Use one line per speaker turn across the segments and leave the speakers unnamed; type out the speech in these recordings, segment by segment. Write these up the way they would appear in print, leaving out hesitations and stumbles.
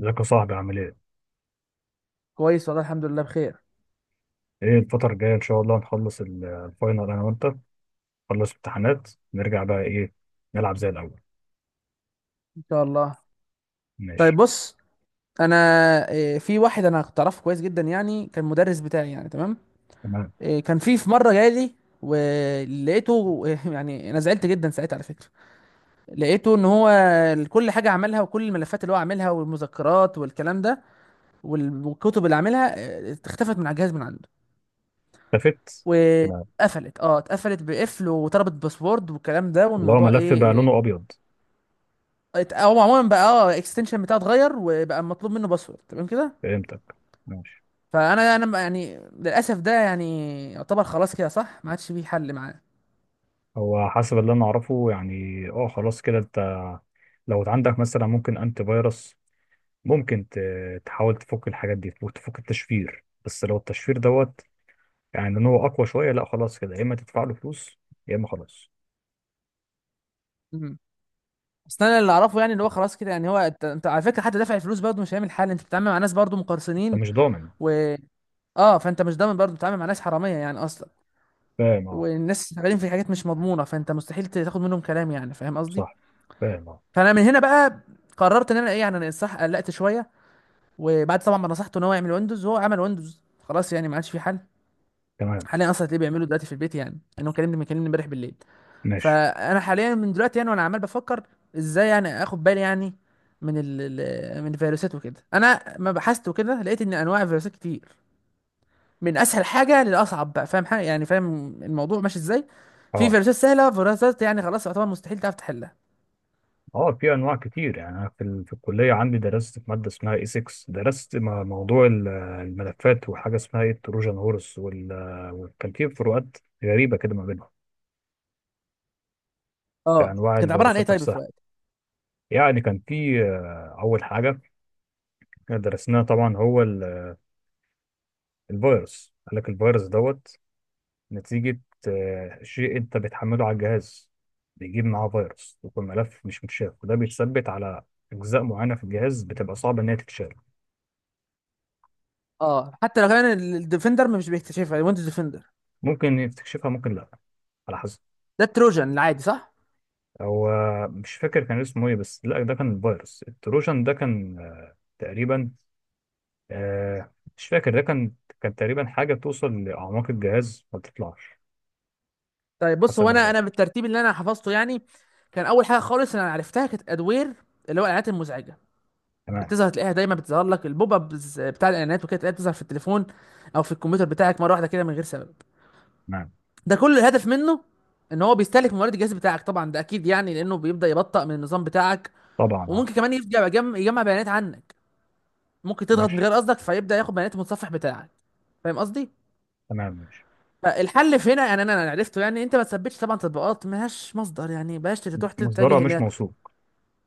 ازيك يا صاحبي؟ عامل ايه؟
كويس والله الحمد لله بخير.
ايه الفترة الجاية ان شاء الله نخلص الفاينل انا وانت، نخلص امتحانات، نرجع بقى ايه، نلعب زي الاول.
ان شاء الله. طيب
ماشي.
بص. انا في واحد انا كنت اعرفه كويس جدا، يعني كان مدرس بتاعي، يعني تمام.
تمام.
كان في مره جاي لي، ولقيته يعني انا زعلت جدا ساعتها على فكره. لقيته ان هو كل حاجه عملها، وكل الملفات اللي هو عاملها والمذكرات والكلام ده، والكتب اللي عاملها، اختفت من على الجهاز من عنده.
التفت. تمام.
واتقفلت، اتقفلت بقفل وطلبت باسورد والكلام ده،
اللي هو
والموضوع
ملف بقى
ايه
لونه ابيض.
هو عموما بقى، الاكستنشن بتاعه اتغير وبقى مطلوب منه باسورد، تمام كده.
فهمتك. ماشي.
فانا يعني للاسف ده يعني يعتبر خلاص كده، صح، ما عادش فيه حل معاه.
هو حسب اللي انا اعرفه يعني. اه خلاص كده، انت لو عندك مثلا ممكن انتي فيروس، ممكن تحاول تفك الحاجات دي وتفك التشفير، بس لو التشفير دوت يعني ان هو اقوى شوية، لا خلاص كده، يا اما تدفع له فلوس يا اما خلاص.
مهم. بس انا اللي اعرفه يعني اللي هو خلاص كده، يعني هو انت على فكره، حتى دافع الفلوس برضه مش هيعمل حل، انت بتتعامل مع ناس برضه مقرصنين.
انت مش ضامن.
و اه فانت مش ضامن برضه، بتتعامل مع ناس حراميه يعني اصلا.
فاهم اه.
والناس شغالين في حاجات مش مضمونه، فانت مستحيل تاخد منهم كلام، يعني فاهم قصدي.
صح. فاهم اه.
فانا من هنا بقى قررت ان انا ايه، يعني انا صح قلقت شويه. وبعد طبعا ما نصحته ان هو يعمل ويندوز، هو عمل ويندوز خلاص، يعني ما عادش في حل.
تمام.
حاليا اصلا هتلاقيه بيعمله دلوقتي في البيت، يعني انه كلمني امبارح بالليل.
ماشي.
فانا حاليا من دلوقتي يعني وانا عمال بفكر ازاي، يعني اخد بالي يعني من من الفيروسات وكده. انا ما بحثت وكده لقيت ان انواع الفيروسات كتير، من اسهل حاجه للاصعب بقى. فاهم حاجه، يعني فاهم الموضوع ماشي ازاي. في
اه.
فيروسات سهله، فيروسات يعني خلاص يعتبر مستحيل تعرف تحلها.
اه في انواع كتير يعني. انا في في الكليه عندي، درست في ماده اسمها اي 6، درست موضوع الملفات، وحاجه اسمها ايه، التروجان هورس، وكان في فروقات غريبه كده ما بينهم، في
اه
انواع
كانت عباره عن ايه
الفيروسات
طيب
نفسها.
الفروقات؟
يعني كان في اول حاجه درسناها طبعا هو الفيروس، قال لك الفيروس دوت نتيجه شيء انت بتحمله على الجهاز، بيجيب معاه فيروس، يكون ملف مش متشاف، وده بيتثبت على اجزاء معينه في الجهاز بتبقى صعب ان هي تتشاف.
اه حتى لو كان الديفندر مش بيكتشفها، ويندوز ديفندر.
ممكن يكتشفها ممكن لا، على حسب.
ده التروجان العادي، صح؟
هو مش فاكر كان اسمه ايه، بس لا ده كان فيروس، التروجان ده كان تقريبا مش فاكر، ده كان كان تقريبا حاجه توصل لاعماق الجهاز ما بتطلعش،
طيب بص
حسب
هو
ما انا
انا
فاكر.
بالترتيب اللي انا حفظته يعني، كان اول حاجه خالص انا عرفتها كانت ادوير، اللي هو الاعلانات المزعجه.
تمام.
بتظهر تلاقيها دايما، بتظهر لك البوب ابز بتاع الاعلانات وكده، تلاقيها بتظهر في التليفون او في الكمبيوتر بتاعك مره واحده كده من غير سبب.
تمام.
ده كل الهدف منه، ان هو بيستهلك موارد الجهاز بتاعك، طبعا ده اكيد، يعني لانه بيبدا يبطئ من النظام بتاعك.
طبعا اه.
وممكن كمان يرجع يجمع بيانات عنك، ممكن تضغط من
ماشي.
غير قصدك فيبدا ياخد بيانات المتصفح بتاعك، فاهم قصدي.
تمام. ماشي.
فالحل في هنا يعني انا عرفته، يعني انت ما تثبتش طبعا تطبيقات ملهاش مصدر، يعني بلاش تروح تتجه.
مصدرها مش موثوق.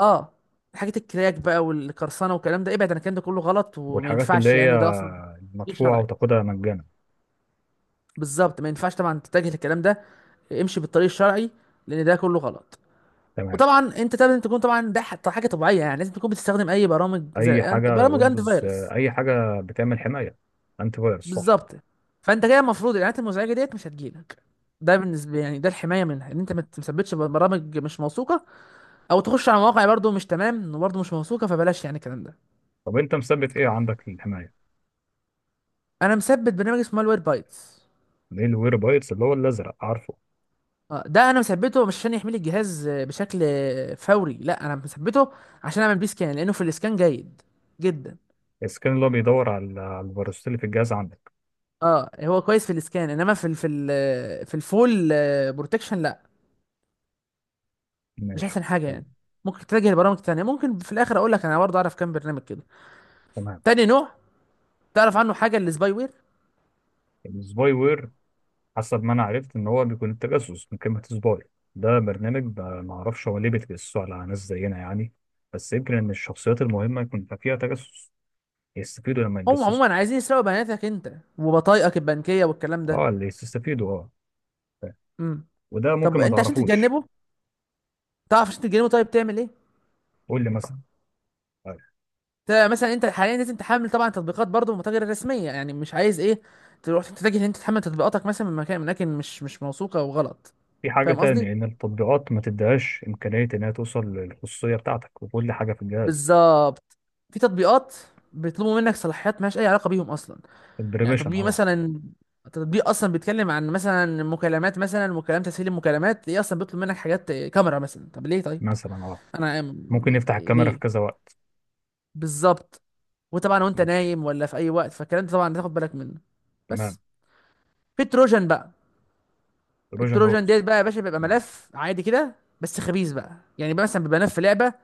اه حاجة الكراك بقى والقرصنة والكلام ده، ابعد عن الكلام ده، كله غلط وما
والحاجات اللي
ينفعش
هي
يعني، وده اصلا غير
مدفوعه
شرعي.
وتاخدها مجانا.
بالظبط، ما ينفعش طبعا تتجه للكلام ده، امشي بالطريق الشرعي، لان ده كله غلط.
تمام.
وطبعا انت لازم تكون طبعا ده حاجه طبيعيه، يعني لازم تكون بتستخدم اي برامج زي
اي حاجه
برامج انتي
ويندوز،
فيروس.
اي حاجه بتعمل حمايه. انت فيروس صح.
بالظبط، فانت كده المفروض الاعلانات المزعجه ديت مش هتجيلك. ده بالنسبه يعني ده الحمايه منها، ان انت ما تثبتش برامج مش موثوقه، او تخش على مواقع برضو مش تمام وبرضو مش موثوقه، فبلاش يعني الكلام ده.
طب انت مثبت ايه عندك للحمايه؟
انا مثبت برنامج اسمه مالوير بايتس.
ليه الوير بايتس اللي هو الازرق، عارفه؟
اه ده انا مثبته مش عشان يحمل الجهاز بشكل فوري، لا انا مثبته عشان اعمل بيه سكان، لانه في الاسكان جيد جدا.
السكان اللي هو بيدور على على الفيروسات اللي في الجهاز عندك.
اه هو كويس في الاسكان، انما في ال في ال آه، في الفول بروتكشن لا، مش
ماشي.
احسن حاجه
حلو.
يعني. ممكن تتجه لبرامج تانية، ممكن في الاخر اقول لك انا برضه اعرف كام برنامج كده.
تمام.
تاني نوع تعرف عنه حاجه، السباي وير.
السباي وير. حسب ما انا عرفت ان هو بيكون التجسس من كلمه سباي. ده برنامج ما اعرفش هو ليه بيتجسسوا على ناس زينا يعني، بس يمكن ان الشخصيات المهمه يكون فيها تجسس يستفيدوا لما
هم
يتجسسوا.
عموما عايزين يسرقوا بياناتك انت وبطايقك البنكيه والكلام ده.
اه اللي يستفيدوا اه. فاهم.
امم
وده ممكن
طب
ما
انت عشان
تعرفوش.
تتجنبه، تعرف عشان تتجنبه طيب تعمل ايه؟
قول لي مثلا. طيب.
مثلا انت حاليا لازم تحمل طبعا تطبيقات برضه متاجر رسميه، يعني مش عايز ايه تروح تتجه ان انت تحمل تطبيقاتك مثلا من مكان، من اماكن مش مش موثوقه وغلط،
في حاجه
فاهم
تاني، ان
قصدي.
التطبيقات ما تديهاش امكانيه انها توصل للخصوصيه بتاعتك وكل حاجه في الجهاز.
بالظبط، في تطبيقات بيطلبوا منك صلاحيات مالهاش اي علاقه بيهم اصلا. يعني
البريميشن
تطبيق
اه.
مثلا، تطبيق اصلا بيتكلم عن مثلا مكالمات، مثلا مكالمة تسهيل المكالمات، ايه اصلا بيطلب منك حاجات كاميرا مثلا، طب ليه؟ طيب
مثلا اه.
انا
ممكن نفتح الكاميرا في
ليه؟
كذا وقت.
بالظبط، وطبعا وانت
ماشي.
نايم ولا في اي وقت، فالكلام ده طبعا تاخد بالك منه.
تمام.
بس في تروجان بقى.
تروجان
التروجان
هورس.
ديت بقى يا باشا، بيبقى
تمام.
ملف عادي كده بس خبيث بقى، يعني بقى مثلا بيبقى ملف لعبه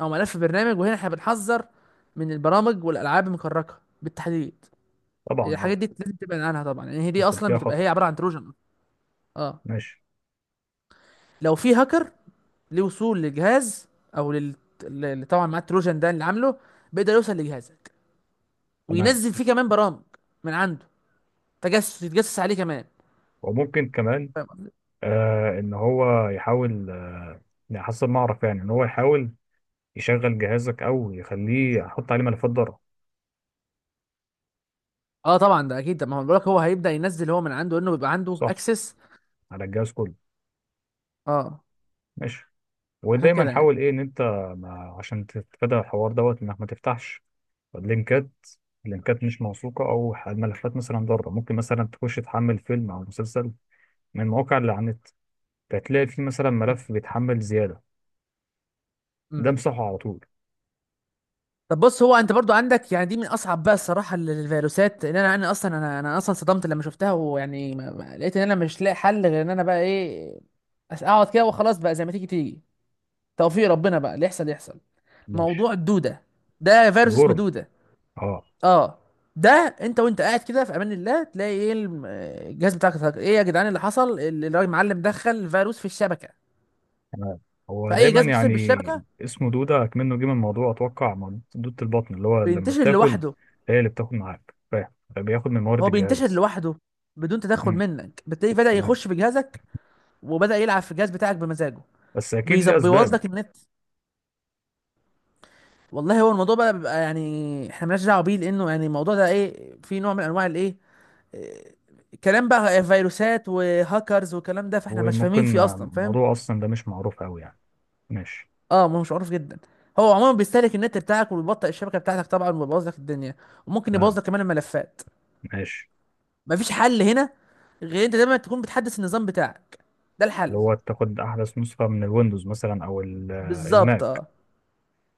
او ملف برنامج. وهنا احنا بنحذر من البرامج والالعاب المكركه بالتحديد،
طبعا
الحاجات
اه.
دي لازم تبعد عنها طبعا، لان يعني هي دي
يكون
اصلا
فيها
بتبقى هي
خطر.
عباره عن تروجان أصلاً. اه
ماشي.
لو في هاكر ليه وصول للجهاز او لل، اللي طبعا مع التروجان ده اللي عامله، بيقدر يوصل لجهازك
تمام.
وينزل فيه كمان برامج من عنده تجسس، يتجسس عليه كمان،
وممكن كمان
فاهم قصدي؟
آه، ان هو يحاول آه، يعني حسب ما اعرف يعني ان هو يحاول يشغل جهازك، او يخليه يحط عليه ملفات ضرر.
اه طبعا ده اكيد، ده ما هو بقولك هو هيبدا ينزل هو من عنده، انه بيبقى عنده
صح.
اكسس.
على الجهاز كله.
اه
ماشي.
عشان
ودايما
كده يعني.
حاول ايه، ان انت، ما عشان تتفادى الحوار دوت، انك ما تفتحش لينكات، لينكات مش موثوقة، او ملفات مثلا ضارة. ممكن مثلا تخش تحمل فيلم او مسلسل من مواقع اللي على النت، فتلاقي فيه مثلا
مم.
ملف بيتحمل زيادة، ده
مم.
امسحه على طول.
طب بص هو انت برضو عندك يعني دي من اصعب بقى الصراحه الفيروسات، لان انا اصلا صدمت لما شفتها، ويعني لقيت ان انا مش لاقي حل غير ان انا بقى ايه، اقعد كده وخلاص بقى، زي ما تيجي تيجي توفيق ربنا بقى اللي يحصل يحصل.
ماشي.
موضوع الدوده، ده فيروس اسمه
الورم
دوده.
اه.
اه ده انت وانت قاعد كده في امان الله، تلاقي ايه الجهاز بتاعك ايه يا جدعان اللي حصل، الراجل معلم دخل فيروس في الشبكه.
تمام. هو
فاي
دايما
جهاز متصل
يعني
بالشبكه،
اسمه دودة، كمنه جه من موضوع اتوقع دودة البطن، اللي هو لما
بينتشر
بتاكل
لوحده.
هي اللي بتاكل معاك، فاهم؟ فبياخد من موارد
هو بينتشر
الجهاز.
لوحده بدون تدخل
امم.
منك، بالتالي بدأ
تمام.
يخش في جهازك وبدأ يلعب في الجهاز بتاعك بمزاجه،
بس اكيد
بيظبط
ليه
بيبوظ
اسباب.
لك النت. والله هو الموضوع بقى بيبقى يعني احنا مالناش دعوه بيه، لانه يعني الموضوع ده ايه، في نوع من انواع الايه، إيه، كلام بقى فيروسات وهاكرز والكلام ده، فاحنا مش فاهمين
وممكن
فيه اصلا فاهم.
الموضوع اصلا ده مش معروف قوي يعني. ماشي.
اه ما هو مش معروف جدا. هو عموما بيستهلك النت بتاعك وبيبطئ الشبكه بتاعتك طبعا، وبيبوظ لك الدنيا، وممكن
تمام.
يبوظ لك كمان الملفات.
ماشي.
مفيش حل هنا غير انت دايما تكون بتحدث النظام بتاعك، ده الحل.
اللي هو تاخد احدث نسخة من الويندوز مثلا، او
بالظبط
الماك.
اه،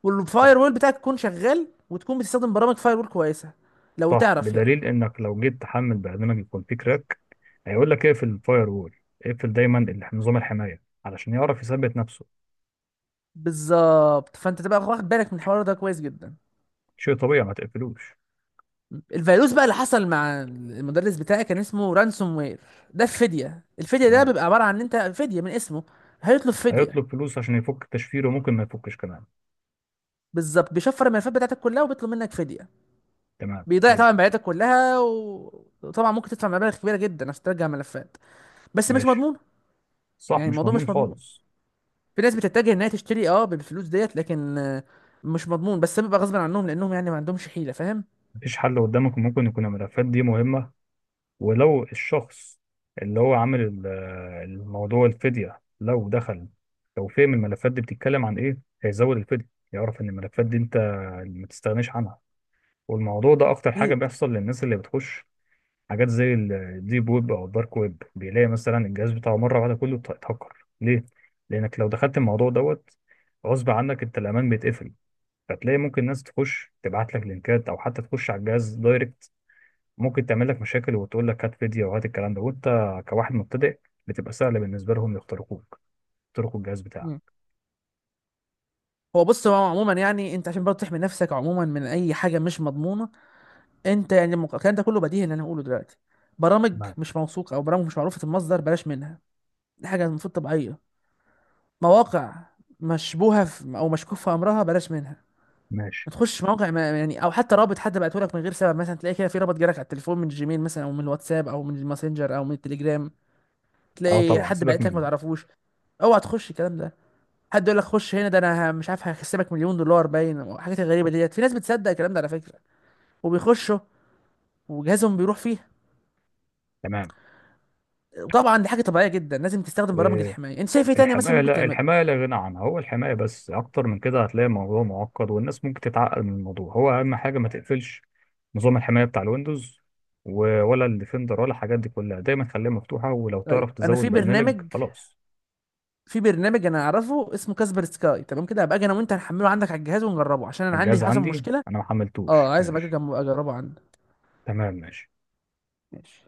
والفاير وول بتاعك يكون شغال، وتكون بتستخدم برامج فاير وول كويسه لو
صح،
تعرف يعني.
بدليل انك لو جيت تحمل برنامج يكون فيه كراك هيقول لك اقفل الفاير وول، اقفل دايما نظام الحمايه علشان يعرف يثبت نفسه.
بالظبط، فانت تبقى واخد بالك من الحوار ده كويس جدا.
شيء طبيعي، ما تقفلوش.
الفيروس بقى اللي حصل مع المدرس بتاعي كان اسمه رانسوم وير. ده الفديه، الفديه ده
تمام.
بيبقى عباره عن ان انت فديه من اسمه. هيطلب فديه.
هيطلب فلوس عشان يفك التشفير، وممكن ما يفكش كمان.
بالظبط، بيشفر الملفات بتاعتك كلها وبيطلب منك فديه.
تمام.
بيضيع
حلو.
طبعا بياناتك كلها، وطبعا ممكن تدفع مبالغ كبيره جدا عشان ترجع ملفات، بس مش
ماشي.
مضمون.
صح،
يعني
مش
الموضوع
مضمون
مش مضمون.
خالص.
في ناس بتتجه انها تشتري اه بالفلوس ديت، لكن مش مضمون، بس بيبقى غصب عنهم، لانهم يعني ما عندهمش حيله، فاهم.
مفيش حل قدامك، ممكن يكون الملفات دي مهمه، ولو الشخص اللي هو عامل الموضوع الفديه، لو دخل، لو فهم الملفات دي بتتكلم عن ايه هيزود الفديه، يعرف ان الملفات دي انت ما تستغناش عنها. والموضوع ده اكتر حاجه
اكيد.
بيحصل للناس اللي بتخش حاجات زي الديب ويب او الدارك ويب، بيلاقي مثلا الجهاز بتاعه مره واحده كله اتهكر ليه. لانك لو دخلت الموضوع دوت غصب عنك، انت الامان بيتقفل، فتلاقي ممكن ناس تخش تبعت لك لينكات، او حتى تخش على الجهاز دايركت، ممكن تعمل لك مشاكل وتقول لك هات فيديو وهات الكلام ده، وانت كواحد مبتدئ بتبقى سهله بالنسبه لهم يخترقوك، يخترقوا الجهاز
مم.
بتاعك.
هو بص هو عموما يعني انت عشان برضه تحمي نفسك عموما من اي حاجه مش مضمونه، انت يعني الكلام ده كله بديهي ان انا هقوله دلوقتي، برامج
تمام.
مش موثوقه او برامج مش معروفه المصدر، بلاش منها. دي حاجه المفروض طبيعيه. مواقع مشبوهه في او مشكوك في امرها، بلاش منها.
ماشي.
ما تخش مواقع ما يعني، او حتى رابط حد بعته لك من غير سبب، مثلا تلاقي كده في رابط جالك على التليفون من الجيميل مثلا او من الواتساب او من الماسنجر او من التليجرام،
اه
تلاقي
طبعا
حد
سيبك
بعت لك ما
منه.
تعرفوش، اوعى تخش الكلام ده. حد يقول لك خش هنا ده انا مش عارف هكسبك مليون دولار باين وحاجات غريبه ديت، في ناس بتصدق الكلام ده على فكره، وبيخشوا وجهازهم بيروح فيه.
تمام.
وطبعا دي حاجه طبيعيه جدا، لازم تستخدم برامج الحمايه. انت شايف ايه تاني مثلا
الحماية،
ممكن
لا،
تعمله؟
الحماية لا غنى عنها. هو الحماية بس، أكتر من كده هتلاقي الموضوع معقد والناس ممكن تتعقد من الموضوع. هو أهم حاجة ما تقفلش نظام الحماية بتاع الويندوز، ولا الديفندر ولا الحاجات دي كلها، دايما خليها مفتوحة، ولو
طيب
تعرف
انا
تزود برنامج خلاص.
في برنامج انا اعرفه اسمه كاسبر سكاي، تمام كده. هبقى اجي انا وانت هنحمله عندك على الجهاز ونجربه، عشان انا عندي
الجهاز
حصل
عندي
مشكله.
أنا ما حملتوش.
اه عايز ابقى اجي
ماشي.
اجربه عندك.
تمام. ماشي.
ماشي.